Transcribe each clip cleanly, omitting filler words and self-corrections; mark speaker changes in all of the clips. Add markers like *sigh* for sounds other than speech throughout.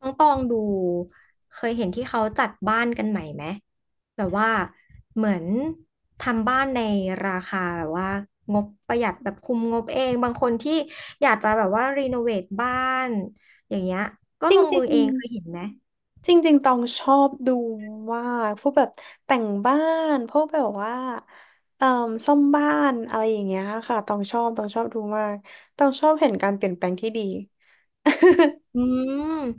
Speaker 1: น้องตองดูเคยเห็นที่เขาจัดบ้านกันใหม่ไหมแบบว่าเหมือนทำบ้านในราคาแบบว่างบประหยัดแบบคุมงบเองบางคนที่อยากจะแบบว่ารีโนเวทบ้านอย่างเงี้ยก็
Speaker 2: จริ
Speaker 1: ลงมือ
Speaker 2: ง
Speaker 1: เองเคยเห็นไหม
Speaker 2: ๆจริงๆตองชอบดูมากพวกแบบแต่งบ้านพวกแบบว่าเอ่อซ่อมบ้านอะไรอย่างเงี้ยค่ะตองชอบดูมากต้องชอบเห็นการเปลี่ยนแปลงที่ดี
Speaker 1: อื
Speaker 2: *laughs*
Speaker 1: ม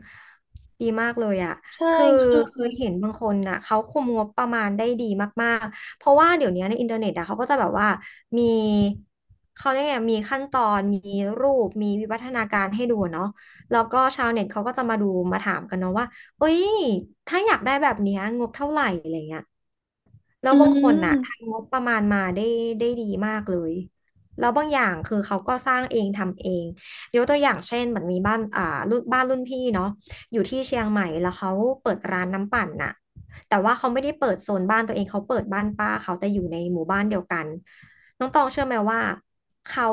Speaker 1: ดีมากเลยอ่ะ
Speaker 2: ใช่
Speaker 1: คือ
Speaker 2: คือ
Speaker 1: เคยเห็นบางคนน่ะเขาคุมงบประมาณได้ดีมากๆเพราะว่าเดี๋ยวนี้ในอินเทอร์เน็ตอะเขาก็จะแบบว่ามีเขาเรียกไงมีขั้นตอนมีรูปมีวิวัฒนาการให้ดูเนาะแล้วก็ชาวเน็ตเขาก็จะมาดูมาถามกันเนาะว่าเอ้ยถ้าอยากได้แบบเนี้ยงบเท่าไหร่อะไรเงี้ยแล้
Speaker 2: อื
Speaker 1: วบางคนน่ะ
Speaker 2: ม
Speaker 1: ทำงบประมาณมาได้ได้ดีมากเลยแล้วบางอย่างคือเขาก็สร้างเองทำเอง ยกตัวอย่างเช่นเหมือนมีบ้านอ่ารุ่นบ้านรุ่นพี่เนาะอยู่ที่เชียงใหม่แล้วเขาเปิดร้านน้ำปั่นน่ะแต่ว่าเขาไม่ได้เปิดโซนบ้านตัวเองเขาเปิดบ้านป้าเขาแต่อยู่ในหมู่บ้านเดียวกันน้องตองเชื่อไหมว่าเขา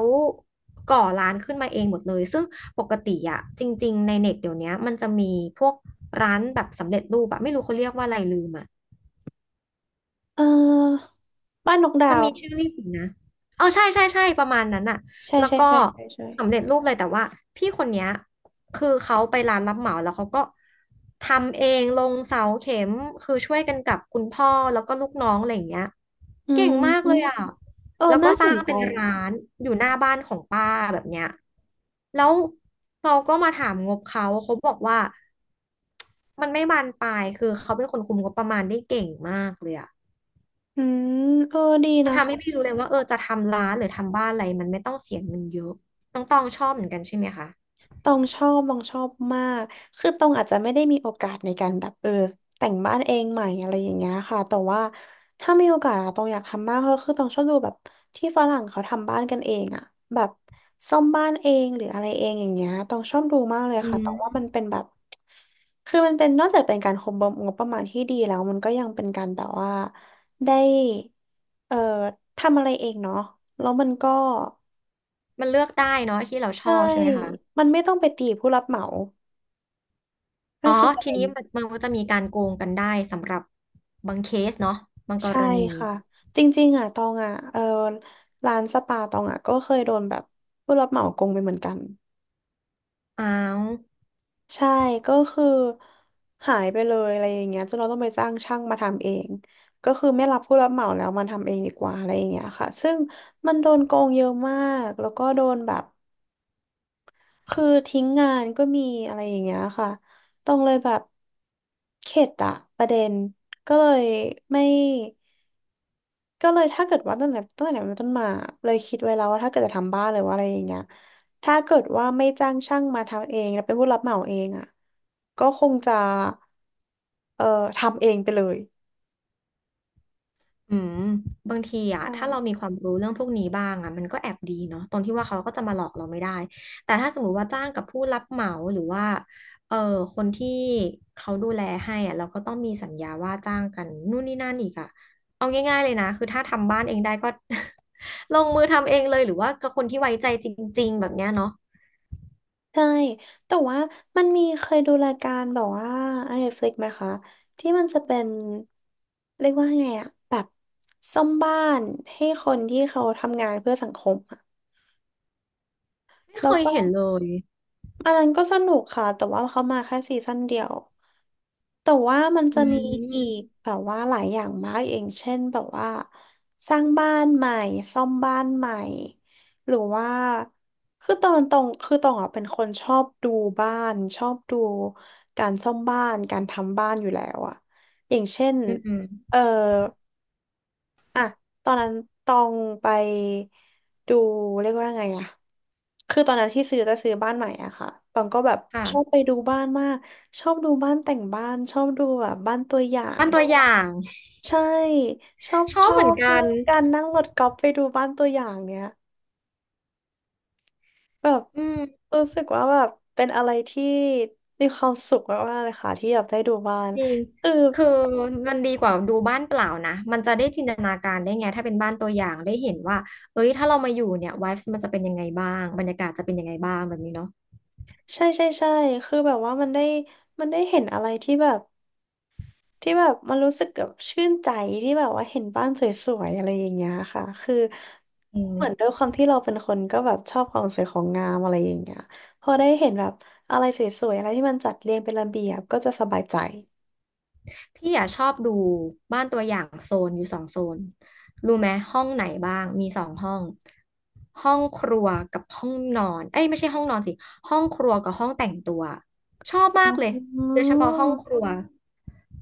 Speaker 1: ก่อร้านขึ้นมาเองหมดเลยซึ่งปกติอะจริงๆในเน็ตเดี๋ยวนี้มันจะมีพวกร้านแบบสำเร็จรูปอะไม่รู้เขาเรียกว่าอะไรลืมอะ
Speaker 2: เอ่อบ้านนกดา
Speaker 1: มัน
Speaker 2: ว
Speaker 1: มีชื่อเรียกอิ่นนะเอาใช่ใช่ใช่ประมาณนั้นอะ
Speaker 2: ใช่
Speaker 1: แล้ว
Speaker 2: ใช่
Speaker 1: ก็
Speaker 2: ใช่ใช่ใช่
Speaker 1: สำเร็จรูปเลยแต่ว่าพี่คนเนี้ยคือเขาไปร้านรับเหมาแล้วเขาก็ทำเองลงเสาเข็มคือช่วยกันกับคุณพ่อแล้วก็ลูกน้องอะไรอย่างเงี้ย
Speaker 2: อื
Speaker 1: เก่งมากเลยอ่ะ
Speaker 2: มเออ
Speaker 1: แล้วก็
Speaker 2: น่า
Speaker 1: ส
Speaker 2: ส
Speaker 1: ร้า
Speaker 2: น
Speaker 1: ง
Speaker 2: ใจ
Speaker 1: เป็นร้านอยู่หน้าบ้านของป้าแบบเนี้ยแล้วเราก็มาถามงบเขาเขาบอกว่ามันไม่บานปลายคือเขาเป็นคนคุมงบประมาณได้เก่งมากเลยอ่ะ
Speaker 2: อืมเออดี
Speaker 1: มัน
Speaker 2: นะ
Speaker 1: ทำให้พี่
Speaker 2: คะ
Speaker 1: รู้เลยว่าเออจะทำร้านหรือทำบ้านอะไรมันไม่ต้องเสียเงินเยอะน้องตองชอบเหมือนกันใช่ไหมคะ
Speaker 2: ต้องชอบมาก คือต้องอาจจะไม่ได้มีโอกาสในการแบบเออแต่งบ้านเองใหม่อะไรอย่างเงี้ยค่ะแต่ว่าถ้ามีโอกาสอะต้องอยากทำมากเพราะคือต้องชอบดูแบบที่ฝรั่งเขาทำบ้านกันเองอะแบบซ่อมบ้านเองหรืออะไรเองอย่างเงี้ยต้องชอบดูมากเลย
Speaker 1: อื
Speaker 2: ค่ะ
Speaker 1: ม
Speaker 2: แต่ว่ามันเป็นแบบคือมันเป็นนอกจากเป็นการคุมงบประมาณที่ดีแล้วมันก็ยังเป็นการแบบว่าได้เอ่อทำอะไรเองเนาะแล้วมันก็
Speaker 1: มันเลือกได้เนาะที่เราชอ
Speaker 2: ใช่
Speaker 1: บใช่ไหมคะ
Speaker 2: มันไม่ต้องไปตีผู้รับเหมา
Speaker 1: อ๋
Speaker 2: นั่
Speaker 1: อ
Speaker 2: นคือประ
Speaker 1: ที
Speaker 2: เด็น
Speaker 1: นี้มันก็จะมีการโกงกันได้สำหรับบางเคสเนาะบางก
Speaker 2: ใช่
Speaker 1: รณี
Speaker 2: ค่ะจริงๆอ่ะตองอ่ะเออร้านสปาตองอ่ะก็เคยโดนแบบผู้รับเหมาโกงไปเหมือนกัน
Speaker 1: อ้าว
Speaker 2: ใช่ก็คือหายไปเลยอะไรอย่างเงี้ยจนเราต้องไปจ้างช่างมาทำเองก็คือไม่รับผู้รับเหมาแล้วมาทำเองดีกว่าอะไรอย่างเงี้ยค่ะซึ่งมันโดนโกงเยอะมากแล้วก็โดนแบบคือทิ้งงานก็มีอะไรอย่างเงี้ยค่ะต้องเลยแบบเข็ดอะประเด็นก็เลยไม่ ก็เลยถ้าเกิดว่าตั้งแต่เป็นต้นมาเลยคิดไว้แล้วว่าถ้าเกิดจะทำบ้านหรือว่าอะไรอย่างเงี้ยถ้าเกิดว่าไม่จ้างช่างมาทำเองแล้วเป็นผู้รับเหมาเองอ่ะก็คงจะเอ่อทำเองไปเลย
Speaker 1: อืมบางทีอะ
Speaker 2: ใช่
Speaker 1: ถ้าเรามีความรู้เรื่องพวกนี้บ้างอะมันก็แอบดีเนาะตรงที่ว่าเขาก็จะมาหลอกเราไม่ได้แต่ถ้าสมมติว่าจ้างกับผู้รับเหมาหรือว่าเออคนที่เขาดูแลให้อะเราก็ต้องมีสัญญาว่าจ้างกันนู่นนี่นั่นอีกอะเอาง่ายๆเลยนะคือถ้าทำบ้านเองได้ก็ *laughs* ลงมือทำเองเลยหรือว่ากับคนที่ไว้ใจจริงๆแบบเนี้ยเนาะ
Speaker 2: ใช่แต่ว่ามันมีเคยดูรายการแบบว่าไอ n e ฟ f ิ i ไหมคะที่มันจะเป็นเรียกว่าไงอะแบบซ่อมบ้านให้คนที่เขาทำงานเพื่อสังคมอะ
Speaker 1: ไม่
Speaker 2: แล้
Speaker 1: เค
Speaker 2: ว
Speaker 1: ย
Speaker 2: ก็
Speaker 1: เห็นเลย
Speaker 2: อันนั้นก็สนุกค่ะแต่ว่าเขามาแค่ซีซั่นเดียว แต่ว่ามัน
Speaker 1: อื
Speaker 2: จะมีอีก
Speaker 1: ม
Speaker 2: แบบว่าหลายอย่างมากอย่างเช่นแบบว่าสร้างบ้านใหม่ซ่อมบ้านใหม่หรือว่าคือตอนตรงคือตรงอ่ะเป็นคนชอบดูบ้านชอบดูการซ่อมบ้านการทำบ้านอยู่แล้วอ่ะอย่างเช่น
Speaker 1: อืม
Speaker 2: เออ อ่ะตอนนั้นตองไปดูเรียกว่าไงอะคือตอนนั้นที่จะซื้อบ้านใหม่อะค่ะ ตองก็แบบ
Speaker 1: ค่ะ
Speaker 2: ชอบไปดูบ้านมาก ชอบดูบ้านแต่งบ้านชอบดูแบบบ้านตัวอย่าง
Speaker 1: บ้านตัวอย่าง
Speaker 2: ใช่ชอบ
Speaker 1: *laughs* ชอ
Speaker 2: ช
Speaker 1: บ
Speaker 2: อ
Speaker 1: เหมือน
Speaker 2: บ
Speaker 1: กั
Speaker 2: มา
Speaker 1: น
Speaker 2: กการนั่งรถกอล์ฟไปดูบ้านตัวอย่างเนี้ยแบบ
Speaker 1: อืม
Speaker 2: รู้สึกว่าแบบเป็นอะไรที่มีความสุขมากๆเลยค่ะที่แบบได้ดูบ้าน
Speaker 1: จริง
Speaker 2: คือ
Speaker 1: คือมันดีกว่าดูบ้านเปล่านะ มันจะได้จินตนาการได้ไง ถ้าเป็นบ้านตัวอย่างได้เห็นว่าเอ้ย ถ้าเรามาอยู่เนี่ย vibes มันจะเป็นยังไงบ้าง บรรยากาศจะเป็นยังไงบ้างแบบนี้เนาะ
Speaker 2: ใช่ใช่ใช่คือแบบว่ามันได้มันได้เห็นอะไรที่แบบ ที่แบบมันรู้สึกแบบชื่นใจที่แบบว่าเห็นบ้านสวยๆอะไรอย่างเงี้ยค่ะคือ
Speaker 1: อืม
Speaker 2: เหมือนด้วยความที่เราเป็นคนก็แบบชอบความสวยของงามอะไรอย่างเงี้ยพอได้เห็นแบบอะไรสวยๆอะไรที่มันจัดเรียงเป็นระเบียบก็จะสบายใจ
Speaker 1: พี่อ่ะชอบดูบ้านตัวอย่างโซนอยู่สองโซนรู้ไหมห้องไหนบ้างมีสองห้องห้องครัวกับห้องนอนเอ้ยไม่ใช่ห้องนอนสิห้องครัวกับห้องแต่งตัวชอบมา
Speaker 2: อื
Speaker 1: กเลยโดยเฉพาะห้องครั
Speaker 2: ม
Speaker 1: ว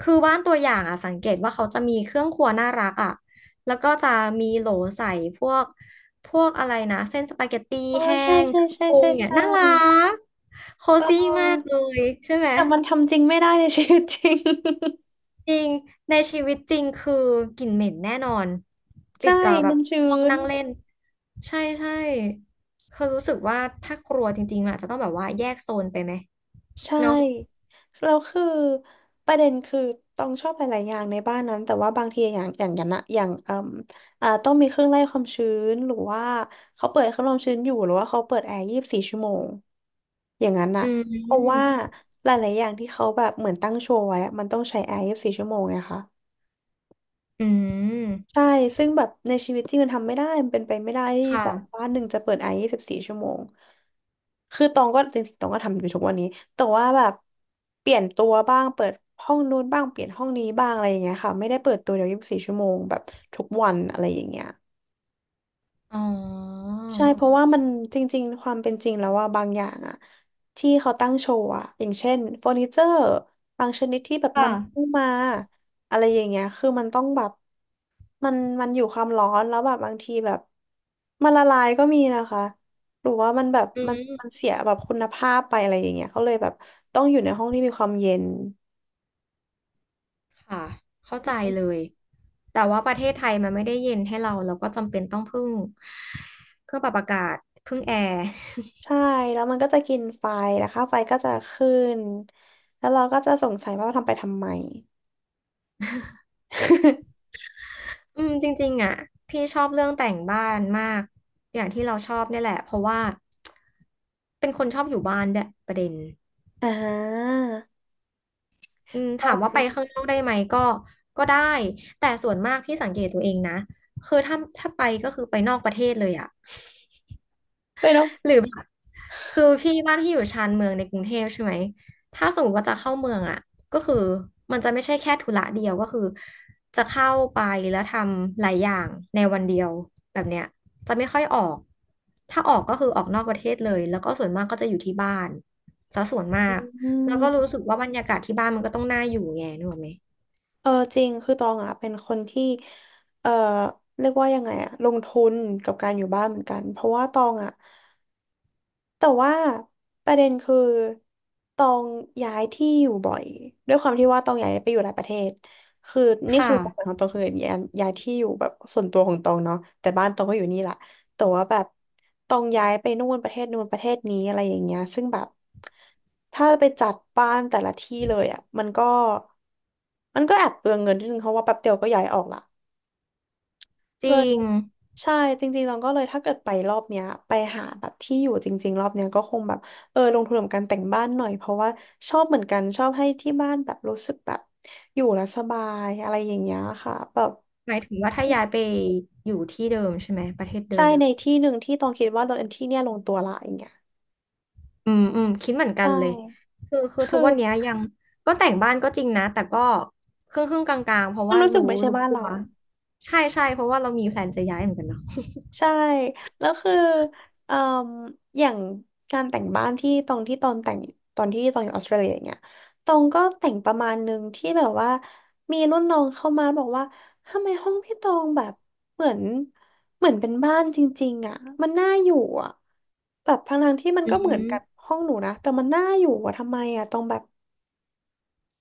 Speaker 1: คือบ้านตัวอย่างอ่ะสังเกตว่าเขาจะมีเครื่องครัวน่ารักอ่ะแล้วก็จะมีโหลใส่พวกพวกอะไรนะเส้นสปาเกตตี้
Speaker 2: อ๋อ
Speaker 1: แห้
Speaker 2: ใช่
Speaker 1: ง
Speaker 2: ใช่
Speaker 1: เครื่อง
Speaker 2: ใช่
Speaker 1: ปรุ
Speaker 2: ใช่
Speaker 1: งเนี่ย
Speaker 2: ใช่
Speaker 1: น่ารักโค
Speaker 2: เ
Speaker 1: ซี่มาก
Speaker 2: ออ
Speaker 1: เลยใช่ไหม
Speaker 2: แต่มันทำจริงไม่ได้ในชีวิตจริง
Speaker 1: จริงในชีวิตจริงคือกลิ่นเหม็นแน่นอน
Speaker 2: *laughs*
Speaker 1: ติ
Speaker 2: ใช่
Speaker 1: ดกับแบ
Speaker 2: มั
Speaker 1: บ
Speaker 2: นชื้
Speaker 1: ห้อง
Speaker 2: น
Speaker 1: นั่งเล่นใช่ใช่คือรู้สึกว่าถ้าครัวจริงๆอาจจะต้องแบบว่าแยกโซนไปไหม
Speaker 2: ใช่
Speaker 1: เนาะ
Speaker 2: แล้วคือประเด็นคือต้องชอบหลายๆอย่างในบ้านนั้นแต่ว่าบางทีอย่างนะอย่างเอ่มอ่าต้องมีเครื่องไล่ความชื้นหรือว่าเขาเปิดเครื่องไล่ความชื้นอยู่หรือว่าเขาเปิดแอร์ยี่สิบสี่ชั่วโมงอย่างนั้นน่ะ
Speaker 1: อื
Speaker 2: เพราะว่า
Speaker 1: ม
Speaker 2: หลายๆอย่างที่เขาแบบเหมือนตั้งโชว์ไว้อะมันต้องใช้แอร์ยี่สิบสี่ชั่วโมงไงคะ
Speaker 1: อืม
Speaker 2: ใช่ ซึ่งแบบในชีวิตที่มันทำไม่ได้มันเป็นไปไม่ได้ที่แบบ
Speaker 1: ค่ะ
Speaker 2: บ้านหนึ่งจะเปิดไอยี่สิบสี่ชั่วโมง คือตองก็จริงๆตองก็ทำอยู่ทุกวันนี้แต่ว่าแบบเปลี่ยนตัวบ้าง เปิดห้องนู้นบ้าง เปลี่ยนห้องนี้บ้างอะไรอย่างเงี้ยค่ะไม่ได้เปิดตัวเดียวยี่สิบสี่ชั่วโมงแบบทุกวันอะไรอย่างเงี้ย
Speaker 1: อ๋อ
Speaker 2: ใช่เพราะว่ามันจริงๆความเป็นจริงแล้วว่าบางอย่างอะที่เขาตั้งโชว์อะอย่างเช่นเฟอร์นิเจอร์บางชนิดที่แบบ
Speaker 1: ค่ะ
Speaker 2: นำเข้ามาอะไรอย่างเงี้ยคือมันต้องแบบมันอยู่ความร้อนแล้วแบบบางทีแบบมันละลายก็มีนะคะหรือว่ามันแบบ
Speaker 1: อื
Speaker 2: มัน
Speaker 1: ม
Speaker 2: เสียแบบคุณภาพไปอะไรอย่างเงี้ยเขาเลยแบบต้องอยู่ในห้องที่มีความเย็น
Speaker 1: ค่ะเข้าใจเลยแต่ว่าประเทศไทยมันไม่ได้เย็นให้เราเราก็จำเป็นต้องพึ่งเครื่องปรับอากาศพึ่งแอร์
Speaker 2: ใช่แล้วมันก็จะกินไฟนะคะไฟก็จะขึ้นแล้วเราก็จะสงสัยว่าทำไปทำไม *laughs*
Speaker 1: อืมจริงๆอ่ะพี่ชอบเรื่องแต่งบ้านมากอย่างที่เราชอบเนี่ยแหละเพราะว่าเป็นคนชอบอยู่บ้านด้วยประเด็น
Speaker 2: อ่า
Speaker 1: อืมถามว่าไปข้างนอกได้ไหมก็ก็ได้แต่ส่วนมากพี่สังเกตตัวเองนะคือถ้าไปก็คือไปนอกประเทศเลยอ่ะ
Speaker 2: เลยเนาะ
Speaker 1: หรือแบบ คือพี่บ้านที่อยู่ชานเมืองในกรุงเทพใช่ไหมถ้าสมมติว่าจะเข้าเมืองอ่ะก็คือมันจะไม่ใช่แค่ธุระเดียวก็คือจะเข้าไปแล้วทำหลายอย่างในวันเดียวแบบเนี้ยจะไม่ค่อยออกถ้าออกก็คือออกนอกประเทศเลยแล้วก็ส่วนมากก็จะอยู่ที่บ้านซะส่วนมา
Speaker 2: อื
Speaker 1: กแล้วก็รู้สึ
Speaker 2: ม
Speaker 1: กว่าบรรยากาศที่บ้านมันก็ต้องน่าอยู่ไงนึกออกไหม
Speaker 2: จริงคือตองอ่ะเป็นคนที่เออเรียกว่ายังไงอ่ะลงทุนกับการอยู่บ้านเหมือนกันเพราะว่าตองอ่ะ แต่ว่าประเด็นคือตองย้ายที่อยู่บ่อยด้วยความที่ว่าตองย้ายไปอยู่หลายประเทศคือนี่คื
Speaker 1: ค่ะ
Speaker 2: อความหมายของตองคือย้ายที่อยู่แบบส่วนตัวของตองเนาะแต่บ้านตองก็อยู่นี่แหละแต่ว่าแบบตองย้ายไปนู่นประเทศนู่นประเทศนี้อะไรอย่างเงี้ยซึ่งแบบถ้าไปจัดบ้านแต่ละที่เลยอ่ะมันก็แอบเปลืองเงินนิดนึงเพราะว่าแป๊บเดียวก็ย้ายออกละ
Speaker 1: จ
Speaker 2: เล
Speaker 1: ริ
Speaker 2: ย
Speaker 1: ง
Speaker 2: ใช่จริงๆเราก็เลยถ้าเกิดไปรอบเนี้ยไปหาแบบที่อยู่จริงๆรอบเนี้ยก็คงแบบลงทุนกับการแต่งบ้านหน่อยเพราะว่าชอบเหมือนกันชอบให้ที่บ้านแบบรู้สึกแบบอยู่แล้วสบายอะไรอย่างเงี้ยค่ะแบบ
Speaker 1: หมายถึงว่าถ้าย้ายไปอยู่ที่เดิมใช่ไหมประเทศเดิ
Speaker 2: ใช่
Speaker 1: ม
Speaker 2: ในที่หนึ่งที่ต้องคิดว่าเราเอนที่เนี่ยลงตัวละอย่างเงี้ย
Speaker 1: อืมอืมคิดเหมือนกั
Speaker 2: ใช่
Speaker 1: นเลยคือ
Speaker 2: คื
Speaker 1: ทุกวั
Speaker 2: อ
Speaker 1: นเนี้ยยังก็แต่งบ้านก็จริงนะแต่ก็ครึ่งครึ่งกลางๆเพราะ
Speaker 2: มัน
Speaker 1: ว่า
Speaker 2: รู้สึก
Speaker 1: รู้
Speaker 2: ไม่ใช่
Speaker 1: รู้
Speaker 2: บ้าน
Speaker 1: ตั
Speaker 2: เรา
Speaker 1: วใช่ใช่เพราะว่าเรามีแพลนจะย้ายเหมือนกันเนาะ
Speaker 2: ใช่แล้วคือเอ่มอย่างการแต่งบ้านที่ตรงที่ตอนแต่งตอนที่ตอนอยู่ออสเตรเลียอย่างเงี้ยตรงก็แต่งประมาณหนึ่งที่แบบว่ามีรุ่นน้องเข้ามาบอกว่าทำไมห้องพี่ตองแบบเหมือนเหมือนเป็นบ้านจริงๆอ่ะมันน่าอยู่อ่ะแบบทั้งๆที่มัน
Speaker 1: อื
Speaker 2: ก็เหมือนกับ
Speaker 1: ม
Speaker 2: ห้องหนูนะแต่มันน่าอยู่อ่ะทำไมอ่ะตองแบบ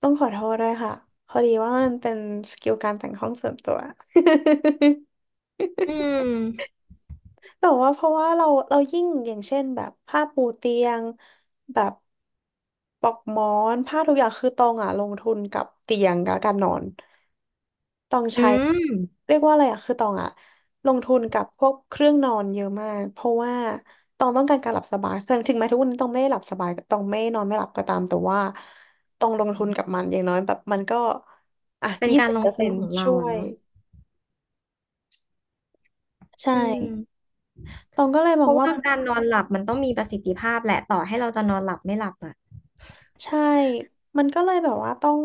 Speaker 2: ต้องขอโทษด้วยค่ะพอดีว่ามันเป็นสกิลการแต่งห้องส่วนตัว *laughs*
Speaker 1: อืม
Speaker 2: แต่ว่าเพราะว่าเรายิ่งอย่างเช่นแบบผ้าปูเตียงแบบปลอกหมอนผ้าทุกอย่างคือตองอ่ะลงทุนกับเตียงกับการนอนตอง
Speaker 1: อื
Speaker 2: ใช้
Speaker 1: ม
Speaker 2: เรียกว่าอะไรอ่ะคือตองอ่ะลงทุนกับพวกเครื่องนอนเยอะมากเพราะว่าตองต้องการการหลับสบายถึงแม้ทุกวันนี้ตองไม่ได้หลับสบายตองไม่นอนไม่หลับก็ตามแต่ว่าตองลงทุนกับมันอย่างน้อยแบบมันก็อ่ะ
Speaker 1: เป็น
Speaker 2: ยี่
Speaker 1: การ
Speaker 2: สิบ
Speaker 1: ล
Speaker 2: เป
Speaker 1: ง
Speaker 2: อร์
Speaker 1: ทุ
Speaker 2: เซ็
Speaker 1: น
Speaker 2: นต์
Speaker 1: ของเรา
Speaker 2: ช่ว
Speaker 1: อะ
Speaker 2: ย
Speaker 1: เนาะ
Speaker 2: ใช่
Speaker 1: อืม
Speaker 2: ตองก็เลยม
Speaker 1: เพ
Speaker 2: อง
Speaker 1: ราะ
Speaker 2: ว่า
Speaker 1: ว่า
Speaker 2: มัน
Speaker 1: การนอนหลับมันต้องมีประสิทธิภาพแหละต่อให้เราจะนอนหลับไม่หลับอะ
Speaker 2: ใช่ มันก็เลยแบบว่าต้อง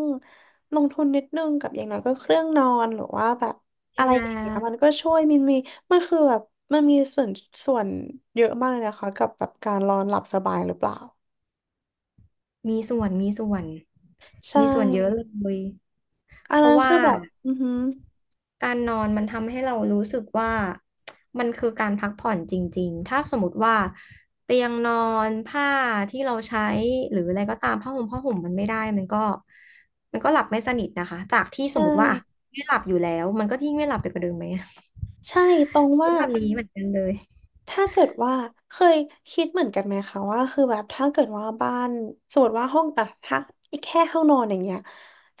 Speaker 2: ลงทุนนิดนึงกับอย่างน้อยก็เครื่องนอนหรือว่าแบบอะ
Speaker 1: นี่
Speaker 2: ไร
Speaker 1: นะ
Speaker 2: อย่างเงี้ยมันก็ช่วยมันมีมันคือแบบมันมีส่วนเยอะมากเลยนะคะกับแบบการนอนหลับสบายหรือเปล่า
Speaker 1: มีส่วนมีส่วน
Speaker 2: ใช่
Speaker 1: มีส่วนเยอะเลย
Speaker 2: อั
Speaker 1: เพ
Speaker 2: นนั้
Speaker 1: ราะ
Speaker 2: น
Speaker 1: ว่า
Speaker 2: คือแบบอือหือ
Speaker 1: การนอนมันทำให้เรารู้สึกว่ามันคือการพักผ่อนจริงๆ ถ้าสมมติว่าเตียงนอนผ้าที่เราใช้หรืออะไรก็ตามผ้าห่มผ้าห่มมันไม่ได้มันก็หลับไม่สนิทนะคะจากที่ส
Speaker 2: ใช่
Speaker 1: มมติว่าอ่ะไม่หลับอยู่แล้วมันก็ยิ่งไม่หลับไปกว่าเดิมไหม
Speaker 2: ใช่ตรง
Speaker 1: เป็
Speaker 2: ว่า
Speaker 1: นแบบนี้เหมือนกันเลย
Speaker 2: ถ้าเกิดว่าเคยคิดเหมือนกันไหมคะว่าคือแบบถ้าเกิดว่าบ้านสมมติว่าห้องอะถ้าแค่ห้องนอนอย่างเงี้ย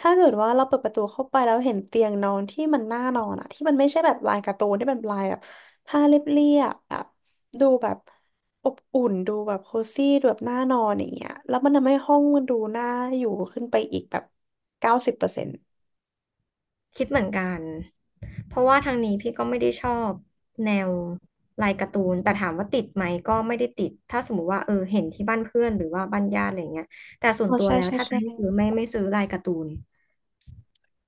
Speaker 2: ถ้าเกิดว่าเราเปิดประตูเข้าไปแล้วเห็นเตียงนอนที่มันน่านอนอะที่มันไม่ใช่แบบลายการ์ตูนที่มันเป็นลายแบบผ้าเรียบๆแบบดูแบบอบอุ่นดูแบบโคซี่ดูแบบน่านอนอย่างเงี้ยแล้วมันทำให้ห้องมันดูน่าอยู่ขึ้นไปอีกแบบ90%
Speaker 1: คิดเหมือนกัน เพราะว่าทางนี้พี่ก็ไม่ได้ชอบแนวลายการ์ตูนแต่ถามว่าติดไหมก็ไม่ได้ติด ถ้าสมมุติว่าเออเห็นที่บ้านเพื่อนหรือว่าบ้านญาติอะไรเงี้ยแต่ส่ว
Speaker 2: อ๋
Speaker 1: น
Speaker 2: อ
Speaker 1: ตัว
Speaker 2: ใช่
Speaker 1: แล้ว
Speaker 2: ใช่
Speaker 1: ถ้าจะ
Speaker 2: ใช่
Speaker 1: ให้ซื้อไม่ซื้อลายการ์ตูน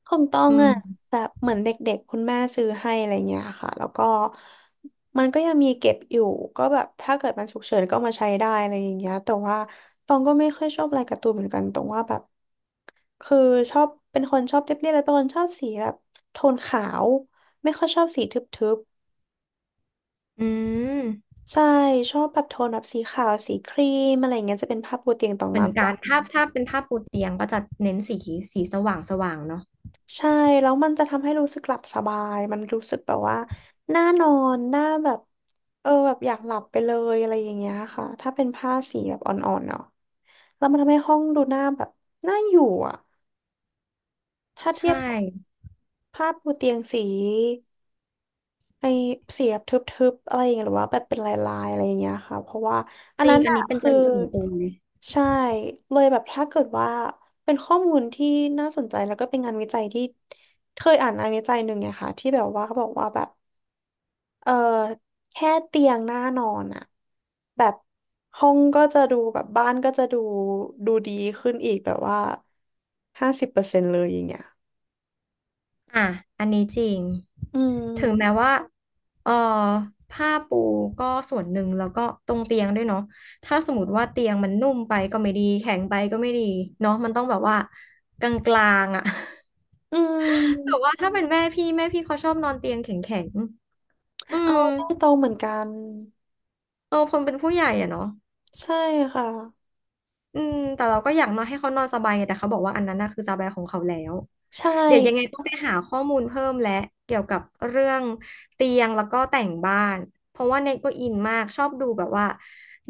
Speaker 2: ของตอ
Speaker 1: อื
Speaker 2: งอะ
Speaker 1: ม
Speaker 2: แบบเหมือนเด็กๆคุณแม่ซื้อให้อะไรเงี้ยค่ะแล้วก็มันก็ยังมีเก็บอยู่ก็แบบถ้าเกิดมันฉุกเฉินก็เอามาใช้ได้อะไรอย่างเงี้ยแต่ว่าตองก็ไม่ค่อยชอบลายการ์ตูนเหมือนกันตรงว่าแบบคือชอบเป็นคนชอบเรียบๆแล้วเป็นคนชอบสีแบบโทนขาวไม่ค่อยชอบสีทึบ
Speaker 1: อืม
Speaker 2: ๆใช่ชอบแบบโทนแบบสีขาวสีครีมอะไรเงี้ยจะเป็นภาพบนเตียงตอง
Speaker 1: เหมือ
Speaker 2: มา
Speaker 1: น
Speaker 2: กก
Speaker 1: กั
Speaker 2: ว่า
Speaker 1: นถ้าเป็นผ้าปูเตียงก็จะเน้นสีสว่างสว่างเนาะ
Speaker 2: ใช่แล้วมันจะทำให้รู้สึกหลับสบายมันรู้สึกแบบว่าน่านอนน่าแบบแบบอยากหลับไปเลยอะไรอย่างเงี้ยค่ะถ้าเป็นผ้าสีแบบอ่อนๆเนาะแล้วมันทำให้ห้องดูหน้าแบบน่าอยู่อ่ะถ้า
Speaker 1: ใช
Speaker 2: เทียบกับ
Speaker 1: ่
Speaker 2: ผ้าปูเตียงสี ไอเสียบบทึบๆอะไรอย่างเงี้ยหรือว่าแบบเป็นลายๆอะไรอย่างเงี้ยค่ะเพราะว่าอั
Speaker 1: จ
Speaker 2: น
Speaker 1: ริ
Speaker 2: นั้
Speaker 1: ง
Speaker 2: น
Speaker 1: อัน
Speaker 2: อะ
Speaker 1: นี้เป็นจ
Speaker 2: คือ
Speaker 1: ริตส่วนตัวเลย
Speaker 2: ใช่เลยแบบถ้าเกิดว่าเป็นข้อมูลที่น่าสนใจแล้วก็เป็นงานวิจัยที่เคยอ่านงานวิจัยหนึ่งไงค่ะที่แบบว่าเขาบอกว่าแบบเออแค่เตียงหน้านอนอะแบบห้องก็จะดูแบบบ้านก็จะดูดูดีขึ้นอีกแบบว่า50%เลยอย่างเงี้ย
Speaker 1: อ่ะอันนี้จริง
Speaker 2: อื
Speaker 1: ถึงแม้
Speaker 2: ม
Speaker 1: ว่า เอ่อผ้าปูก็ส่วนหนึ่งแล้วก็ตรงเตียงด้วยเนาะถ้าสมมติว่าเตียงมันนุ่มไปก็ไม่ดีแข็งไปก็ไม่ดีเนาะมันต้องแบบว่ากลางๆอ่ะ
Speaker 2: อื
Speaker 1: *laughs* แต่
Speaker 2: ม
Speaker 1: ว่าถ้าเป็นแม่พี่เขาชอบนอนเตียงแข็งๆ อื
Speaker 2: เอา
Speaker 1: ม
Speaker 2: ตด้งโตรงเหมือนกัน
Speaker 1: เออคนเป็นผู้ใหญ่อะเนาะ
Speaker 2: ใช่ค่ะ
Speaker 1: อืมแต่เราก็อยากมาให้เขานอนสบายไงแต่เขาบอกว่าอันนั้นน่ะคือสบายของเขาแล้ว
Speaker 2: ใช่
Speaker 1: เดี๋ยวยังไงต้องไปหาข้อมูลเพิ่มและเกี่ยวกับเรื่องเตียงแล้วก็แต่งบ้านเพราะว่าเน็ตก็อินมากชอบดูแบบว่า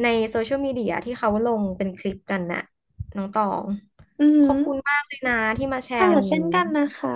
Speaker 1: ในโซเชียลมีเดียที่เขาลงเป็นคลิปกันน่ะน้องตอง
Speaker 2: อื
Speaker 1: ขอบคุณ
Speaker 2: ม
Speaker 1: มากเลยนะที่มาแช
Speaker 2: ค่ะ
Speaker 1: ร์วัน
Speaker 2: เช่
Speaker 1: นี้
Speaker 2: นกันนะคะ